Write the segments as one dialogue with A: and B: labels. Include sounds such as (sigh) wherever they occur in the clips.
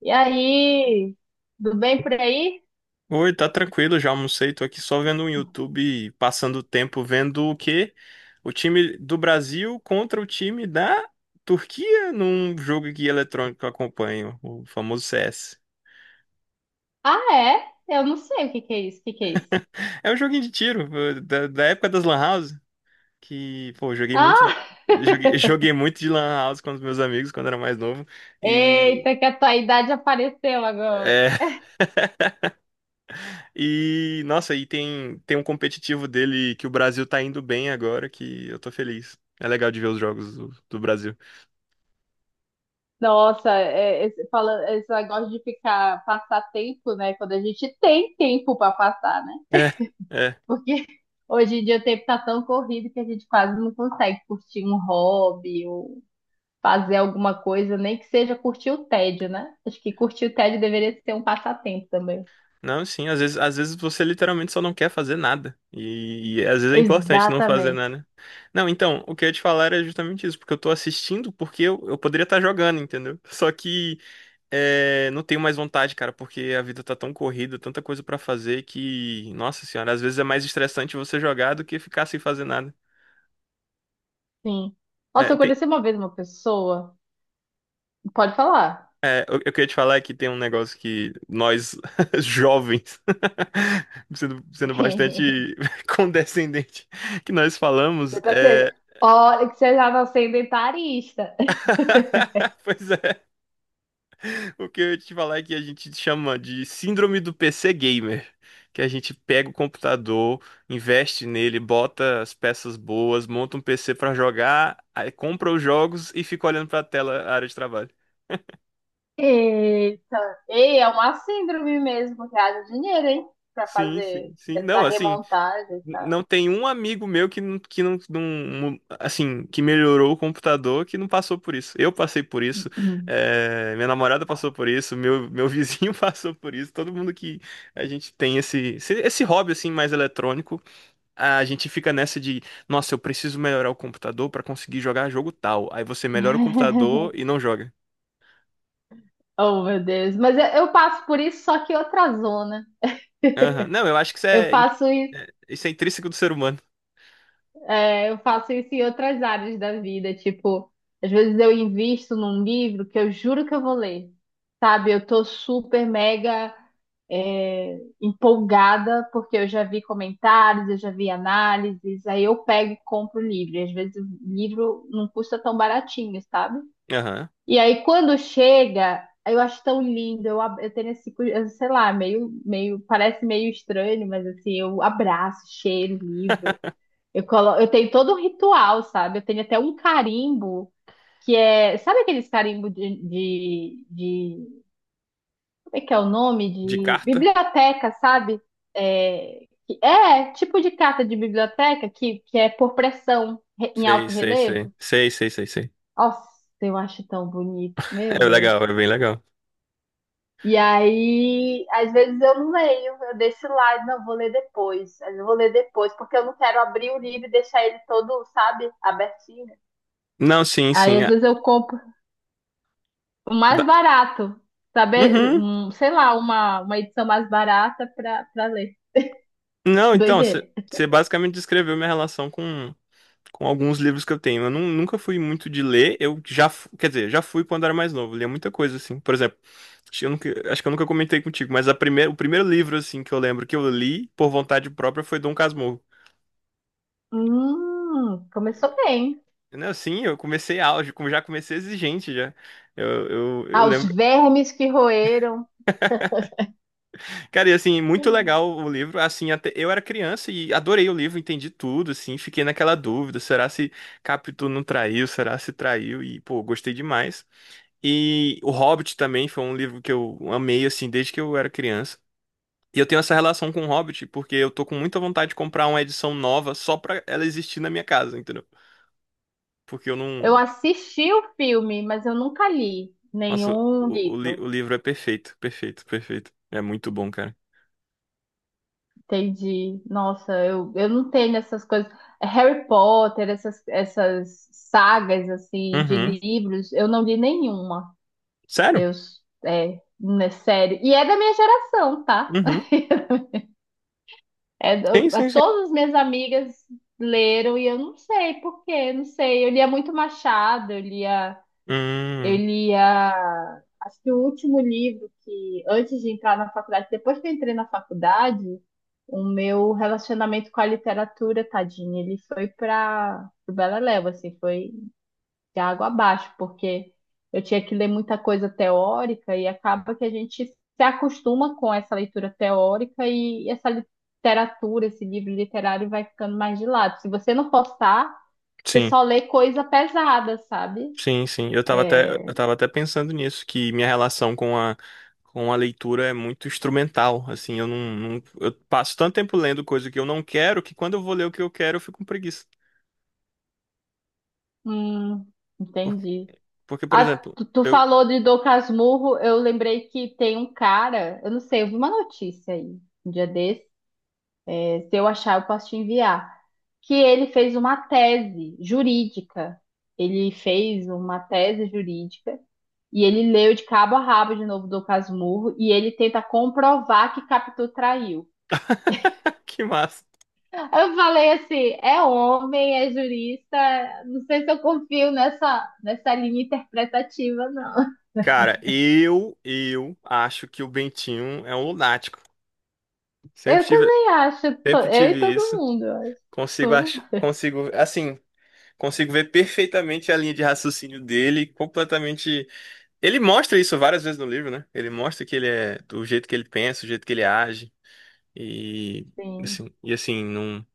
A: E aí, tudo bem por aí?
B: Oi, tá tranquilo, já almocei, tô aqui só vendo um YouTube, passando o tempo vendo o quê? O time do Brasil contra o time da Turquia num jogo que eletrônico eu acompanho, o famoso CS.
A: Ah, é? Eu não sei o que que é isso, o que que é isso?
B: É um joguinho de tiro, da época das Lan House, que, pô, eu joguei muito,
A: Ah,
B: joguei, (laughs) joguei muito de Lan House com os meus amigos quando era mais novo, e,
A: eita, que a tua idade apareceu agora.
B: é, e, nossa, e tem um competitivo dele que o Brasil tá indo bem agora, que eu tô feliz. É legal de ver os jogos do Brasil.
A: Nossa, é, esse, fala, é, esse negócio de ficar, passar tempo, né? Quando a gente tem tempo para passar, né?
B: É, é.
A: Porque (laughs) hoje em dia o tempo tá tão corrido que a gente quase não consegue curtir um hobby ou fazer alguma coisa, nem que seja curtir o tédio, né? Acho que curtir o tédio deveria ser um passatempo também.
B: Não, sim, às vezes você literalmente só não quer fazer nada. E às vezes é importante não fazer
A: Exatamente.
B: nada. Não, então, o que eu ia te falar era justamente isso, porque eu tô assistindo porque eu poderia estar jogando, entendeu? (laughs) Só que não tenho mais vontade, cara, porque a vida tá tão corrida, tanta coisa pra fazer que, nossa senhora, às vezes é mais estressante você jogar do que ficar sem fazer nada.
A: Sim. Nossa,
B: É.
A: eu conheci uma vez uma pessoa. Pode falar.
B: É, eu queria te falar que tem um negócio que nós, (laughs) jovens, (laughs) sendo
A: (laughs)
B: bastante (laughs) condescendente, que nós falamos,
A: Você tá sendo. Olha, que você já tá sendo etarista. (laughs)
B: (laughs) Pois é, o que eu ia te falar é que a gente chama de síndrome do PC gamer, que a gente pega o computador, investe nele, bota as peças boas, monta um PC pra jogar, aí compra os jogos e fica olhando pra tela, a área de trabalho.
A: Eita. Ei, é uma síndrome mesmo, que haja dinheiro, hein? Pra
B: Sim, sim,
A: fazer
B: sim.
A: essa
B: Não, assim,
A: remontagem, tá?
B: não tem um amigo meu que, que não, assim, que melhorou o computador que não passou por isso. Eu passei por isso,
A: Hum.
B: minha namorada passou por isso, meu vizinho (laughs) passou por isso. Todo mundo que a gente tem esse hobby assim mais eletrônico, a gente fica nessa de, nossa, eu preciso melhorar o computador para conseguir jogar jogo tal. Aí você melhora o computador e
A: (laughs)
B: não joga.
A: Oh, meu Deus. Mas eu passo por isso, só que outra zona.
B: Aham.
A: (laughs)
B: Não, eu acho que
A: Eu faço isso.
B: isso é intrínseco do ser humano.
A: É, eu faço isso em outras áreas da vida, tipo, às vezes eu invisto num livro que eu juro que eu vou ler, sabe? Eu tô super mega é, empolgada porque eu já vi comentários, eu já vi análises, aí eu pego e compro o livro. E às vezes o livro não custa tão baratinho, sabe?
B: Aham.
A: E aí quando chega, eu acho tão lindo, eu, ab- eu tenho esse, cu- eu sei lá, meio, meio, parece meio estranho, mas assim, eu abraço, cheiro o livro. Eu, colo... eu tenho todo um ritual, sabe? Eu tenho até um carimbo que é. Sabe aqueles carimbo de Como é que é o nome?
B: De
A: De
B: carta?
A: biblioteca, sabe? É, que- é tipo de carta de biblioteca que é por pressão re- em
B: Sei,
A: alto
B: sei, sei.
A: relevo.
B: Sei, sei, sei, sei.
A: Nossa, eu acho tão bonito, meu
B: É
A: Deus.
B: legal, é bem legal.
A: E aí, às vezes eu não leio, eu deixo lá, e não, vou ler depois, eu vou ler depois, porque eu não quero abrir o livro e deixar ele todo, sabe, abertinho.
B: Não, sim,
A: Aí
B: sim.
A: às vezes eu compro o mais
B: Da-
A: barato, sabe?
B: Uhum.
A: Um, sei lá, uma edição mais barata pra ler.
B: Não, então,
A: Doideira.
B: você basicamente descreveu minha relação com alguns livros que eu tenho. Eu nunca fui muito de ler, eu já, quer dizer, já fui quando era mais novo, lia muita coisa, assim. Por exemplo, acho que eu nunca comentei contigo, mas o primeiro livro, assim, que eu lembro que eu li por vontade própria foi Dom Casmurro.
A: Começou bem.
B: Não, sim, eu comecei auge, como já comecei exigente já. Eu
A: Aos
B: lembro.
A: vermes que roeram.
B: Cara, e assim, muito legal o livro. Assim, até eu era criança e adorei o livro, entendi tudo, assim, fiquei naquela dúvida, será se Capitu não traiu, será se traiu? E, pô, gostei demais. E O Hobbit também foi um livro que eu amei, assim, desde que eu era criança. E eu tenho essa relação com o Hobbit porque eu tô com muita vontade de comprar uma edição nova só pra ela existir na minha casa, entendeu? Porque eu
A: Eu
B: não.
A: assisti o filme, mas eu nunca li
B: Nossa,
A: nenhum livro.
B: o livro é perfeito, perfeito, perfeito. É muito bom, cara.
A: Entendi. Nossa, eu não tenho essas coisas. Harry Potter, essas sagas assim de
B: Uhum.
A: livros, eu não li nenhuma.
B: Sério?
A: Eu, é, é sério. E é da minha geração, tá?
B: Uhum.
A: (laughs) É,
B: Sim,
A: eu-
B: sim, sim.
A: todas as minhas amigas leram e eu não sei por quê, não sei. Eu lia muito Machado, eu
B: Hum.
A: lia, acho que o último livro que antes de entrar na faculdade, depois que eu entrei na faculdade, o meu relacionamento com a literatura, tadinho, ele foi para o Beleléu, assim, foi de água abaixo, porque eu tinha que ler muita coisa teórica e acaba que a gente se acostuma com essa leitura teórica e essa literatura, esse livro literário vai ficando mais de lado. Se você não postar, você
B: Sim.
A: só lê coisa pesada, sabe?
B: Sim, sim. Eu tava até, eu
A: É,
B: tava até pensando nisso, que minha relação com a leitura é muito instrumental. Assim, eu eu passo tanto tempo lendo coisa que eu não quero que quando eu vou ler o que eu quero, eu fico com preguiça.
A: hum, entendi.
B: Porque, por
A: Ah,
B: exemplo,
A: tu, tu
B: eu...
A: falou de Dom Casmurro, eu lembrei que tem um cara, eu não sei, eu vi uma notícia aí, um dia se eu achar, eu posso te enviar. Que ele fez uma tese jurídica. Ele fez uma tese jurídica e ele leu de cabo a rabo de novo do Casmurro e ele tenta comprovar que Capitu traiu.
B: (laughs) Que massa.
A: Eu falei assim, é homem, é jurista, não sei se eu confio nessa linha interpretativa, não.
B: Cara, eu acho que o Bentinho é um lunático.
A: Eu
B: Sempre tive,
A: também acho, to-
B: sempre
A: eu e
B: tive
A: todo
B: isso.
A: mundo, eu acho.
B: Consigo, assim, consigo ver perfeitamente a linha de raciocínio dele, completamente. Ele mostra isso várias vezes no livro, né? Ele mostra que ele é do jeito que ele pensa, do jeito que ele age e
A: Sim.
B: assim, não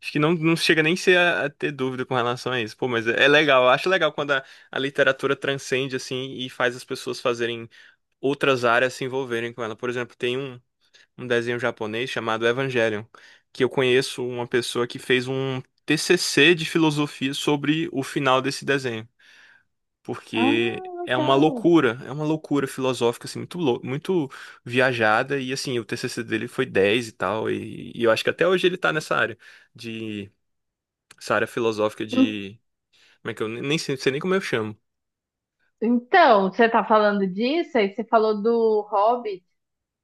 B: acho que não chega nem ser a ter dúvida com relação a isso. Pô, mas é, é legal, eu acho legal quando a literatura transcende assim e faz as pessoas fazerem outras áreas se envolverem com ela. Por exemplo, tem um desenho japonês chamado Evangelion, que eu conheço uma pessoa que fez um TCC de filosofia sobre o final desse desenho
A: Ah,
B: porque
A: legal.
B: é uma loucura filosófica assim muito muito viajada e assim, o TCC dele foi 10 e tal e eu acho que até hoje ele tá nessa área de essa área filosófica de como é que eu nem sei nem como eu chamo.
A: Então, você tá falando disso, aí você falou do Hobbit,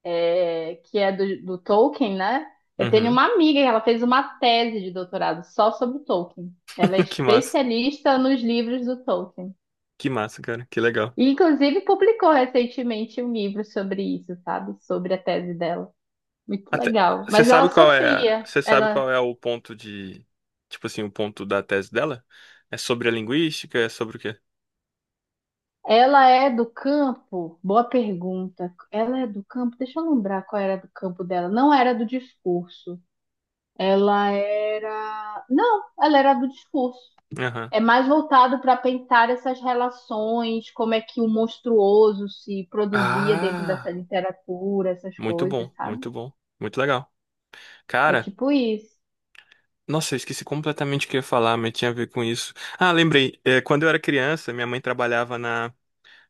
A: é, que é do Tolkien, né? Eu tenho
B: Uhum.
A: uma amiga que ela fez uma tese de doutorado só sobre o Tolkien. Ela é
B: (laughs) Que massa.
A: especialista nos livros do Tolkien.
B: Que massa, cara. Que legal.
A: E, inclusive, publicou recentemente um livro sobre isso, sabe? Sobre a tese dela. Muito
B: Até
A: legal.
B: você
A: Mas ela
B: sabe qual é,
A: sofria.
B: você sabe
A: Ela,
B: qual é o ponto de tipo assim, o ponto da tese dela? É sobre a linguística, é sobre o quê?
A: ela é do campo? Boa pergunta. Ela é do campo? Deixa eu lembrar qual era do campo dela. Não era do discurso. Ela era. Não, ela era do discurso.
B: Aham.
A: É mais voltado para pensar essas relações, como é que o monstruoso se produzia dentro dessa
B: Ah,
A: literatura, essas
B: muito
A: coisas,
B: bom,
A: sabe?
B: muito bom, muito legal.
A: É
B: Cara,
A: tipo isso.
B: nossa, eu esqueci completamente o que eu ia falar, mas tinha a ver com isso. Ah, lembrei. É, quando eu era criança, minha mãe trabalhava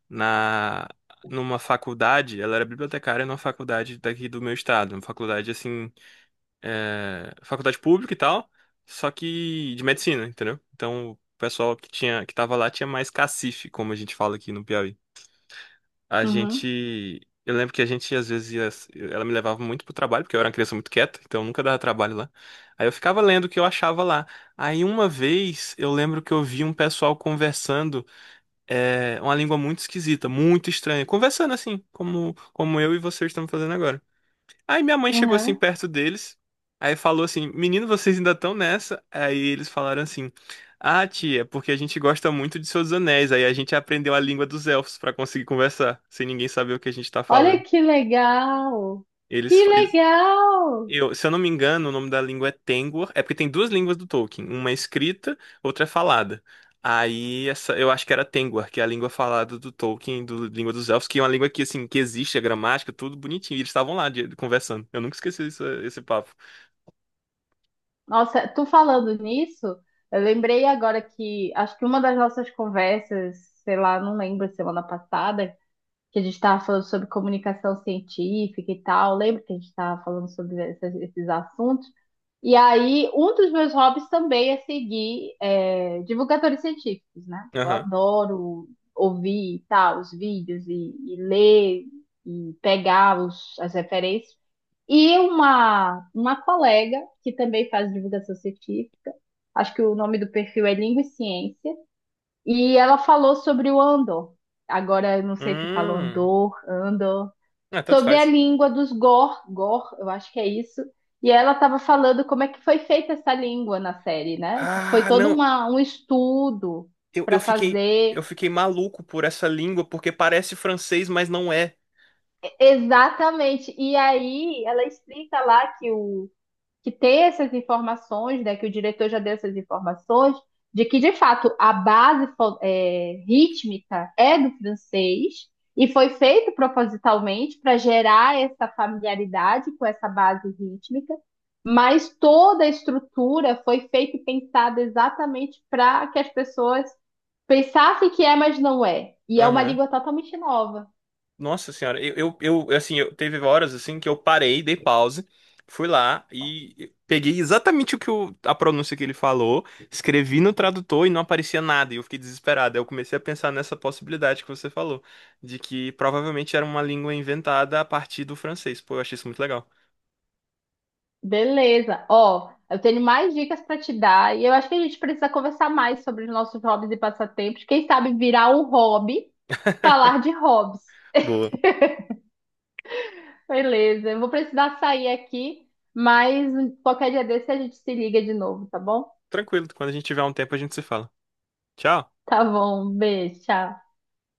B: na, numa faculdade. Ela era bibliotecária numa faculdade daqui do meu estado. Uma faculdade, assim, faculdade pública e tal, só que de medicina, entendeu? Então, o pessoal que tava lá tinha mais cacife, como a gente fala aqui no Piauí. A
A: Uhum,
B: gente. Eu lembro que a gente às vezes ia. Ela me levava muito pro trabalho, porque eu era uma criança muito quieta, então nunca dava trabalho lá. Aí eu ficava lendo o que eu achava lá. Aí uma vez eu lembro que eu vi um pessoal conversando uma língua muito esquisita, muito estranha. Conversando assim, como, como eu e vocês estamos fazendo agora. Aí minha mãe chegou assim
A: uhum.
B: perto deles, aí falou assim: Menino, vocês ainda estão nessa? Aí eles falaram assim: Ah, tia, porque a gente gosta muito de Seus Anéis. Aí a gente aprendeu a língua dos elfos pra conseguir conversar, sem ninguém saber o que a gente tá
A: Olha
B: falando.
A: que legal! Que
B: Eles, fa- eles-
A: legal!
B: eu, se eu não me engano, o nome da língua é Tengwar. É porque tem duas línguas do Tolkien: uma é escrita, outra é falada. Aí essa, eu acho que era Tengwar, que é a língua falada do Tolkien, do língua dos elfos, que é uma língua que assim que existe a gramática, tudo bonitinho. E eles estavam lá conversando. Eu nunca esqueci esse papo.
A: Nossa, tu falando nisso, eu lembrei agora que acho que uma das nossas conversas, sei lá, não lembro, semana passada, que a gente estava falando sobre comunicação científica e tal. Lembra que a gente estava falando sobre essas- esses assuntos? E aí, um dos meus hobbies também é seguir é, divulgadores científicos, né? Eu
B: Aham.
A: adoro ouvir e tal, os vídeos e ler e pegar os, as referências. E uma colega que também faz divulgação científica, acho que o nome do perfil é Língua e Ciência, e ela falou sobre o Andor. Agora, eu não sei se fala
B: Hum.
A: Andor, Andor.
B: Ah, tanto
A: Sobre a
B: faz.
A: língua dos Gor, Gor, eu acho que é isso. E ela estava falando como é que foi feita essa língua na série, né? Foi
B: Ah,
A: todo
B: não.
A: uma, um estudo
B: Eu, eu
A: para
B: fiquei
A: fazer.
B: eu fiquei maluco por essa língua porque parece francês, mas não é.
A: Exatamente. E aí ela explica lá que o, que ter essas informações, né, que o diretor já deu essas informações, de que de fato a base é, rítmica é do francês e foi feito propositalmente para gerar essa familiaridade com essa base rítmica, mas toda a estrutura foi feita e pensada exatamente para que as pessoas pensassem que é, mas não é. E é uma
B: Aham.
A: língua totalmente nova.
B: Nossa senhora, eu assim, eu teve horas assim que eu parei, dei pause, fui lá e peguei exatamente o que a pronúncia que ele falou, escrevi no tradutor e não aparecia nada, e eu fiquei desesperado. Aí eu comecei a pensar nessa possibilidade que você falou, de que provavelmente era uma língua inventada a partir do francês. Pô, eu achei isso muito legal.
A: Beleza. Ó, eu tenho mais dicas para te dar e eu acho que a gente precisa conversar mais sobre os nossos hobbies e passatempos. Quem sabe virar um hobby, falar de hobbies.
B: Boa.
A: Beleza. Eu vou precisar sair aqui, mas qualquer dia desse a gente se liga de novo, tá bom?
B: Tranquilo, quando a gente tiver um tempo a gente se fala. Tchau.
A: Tá bom. Um beijo. Tchau.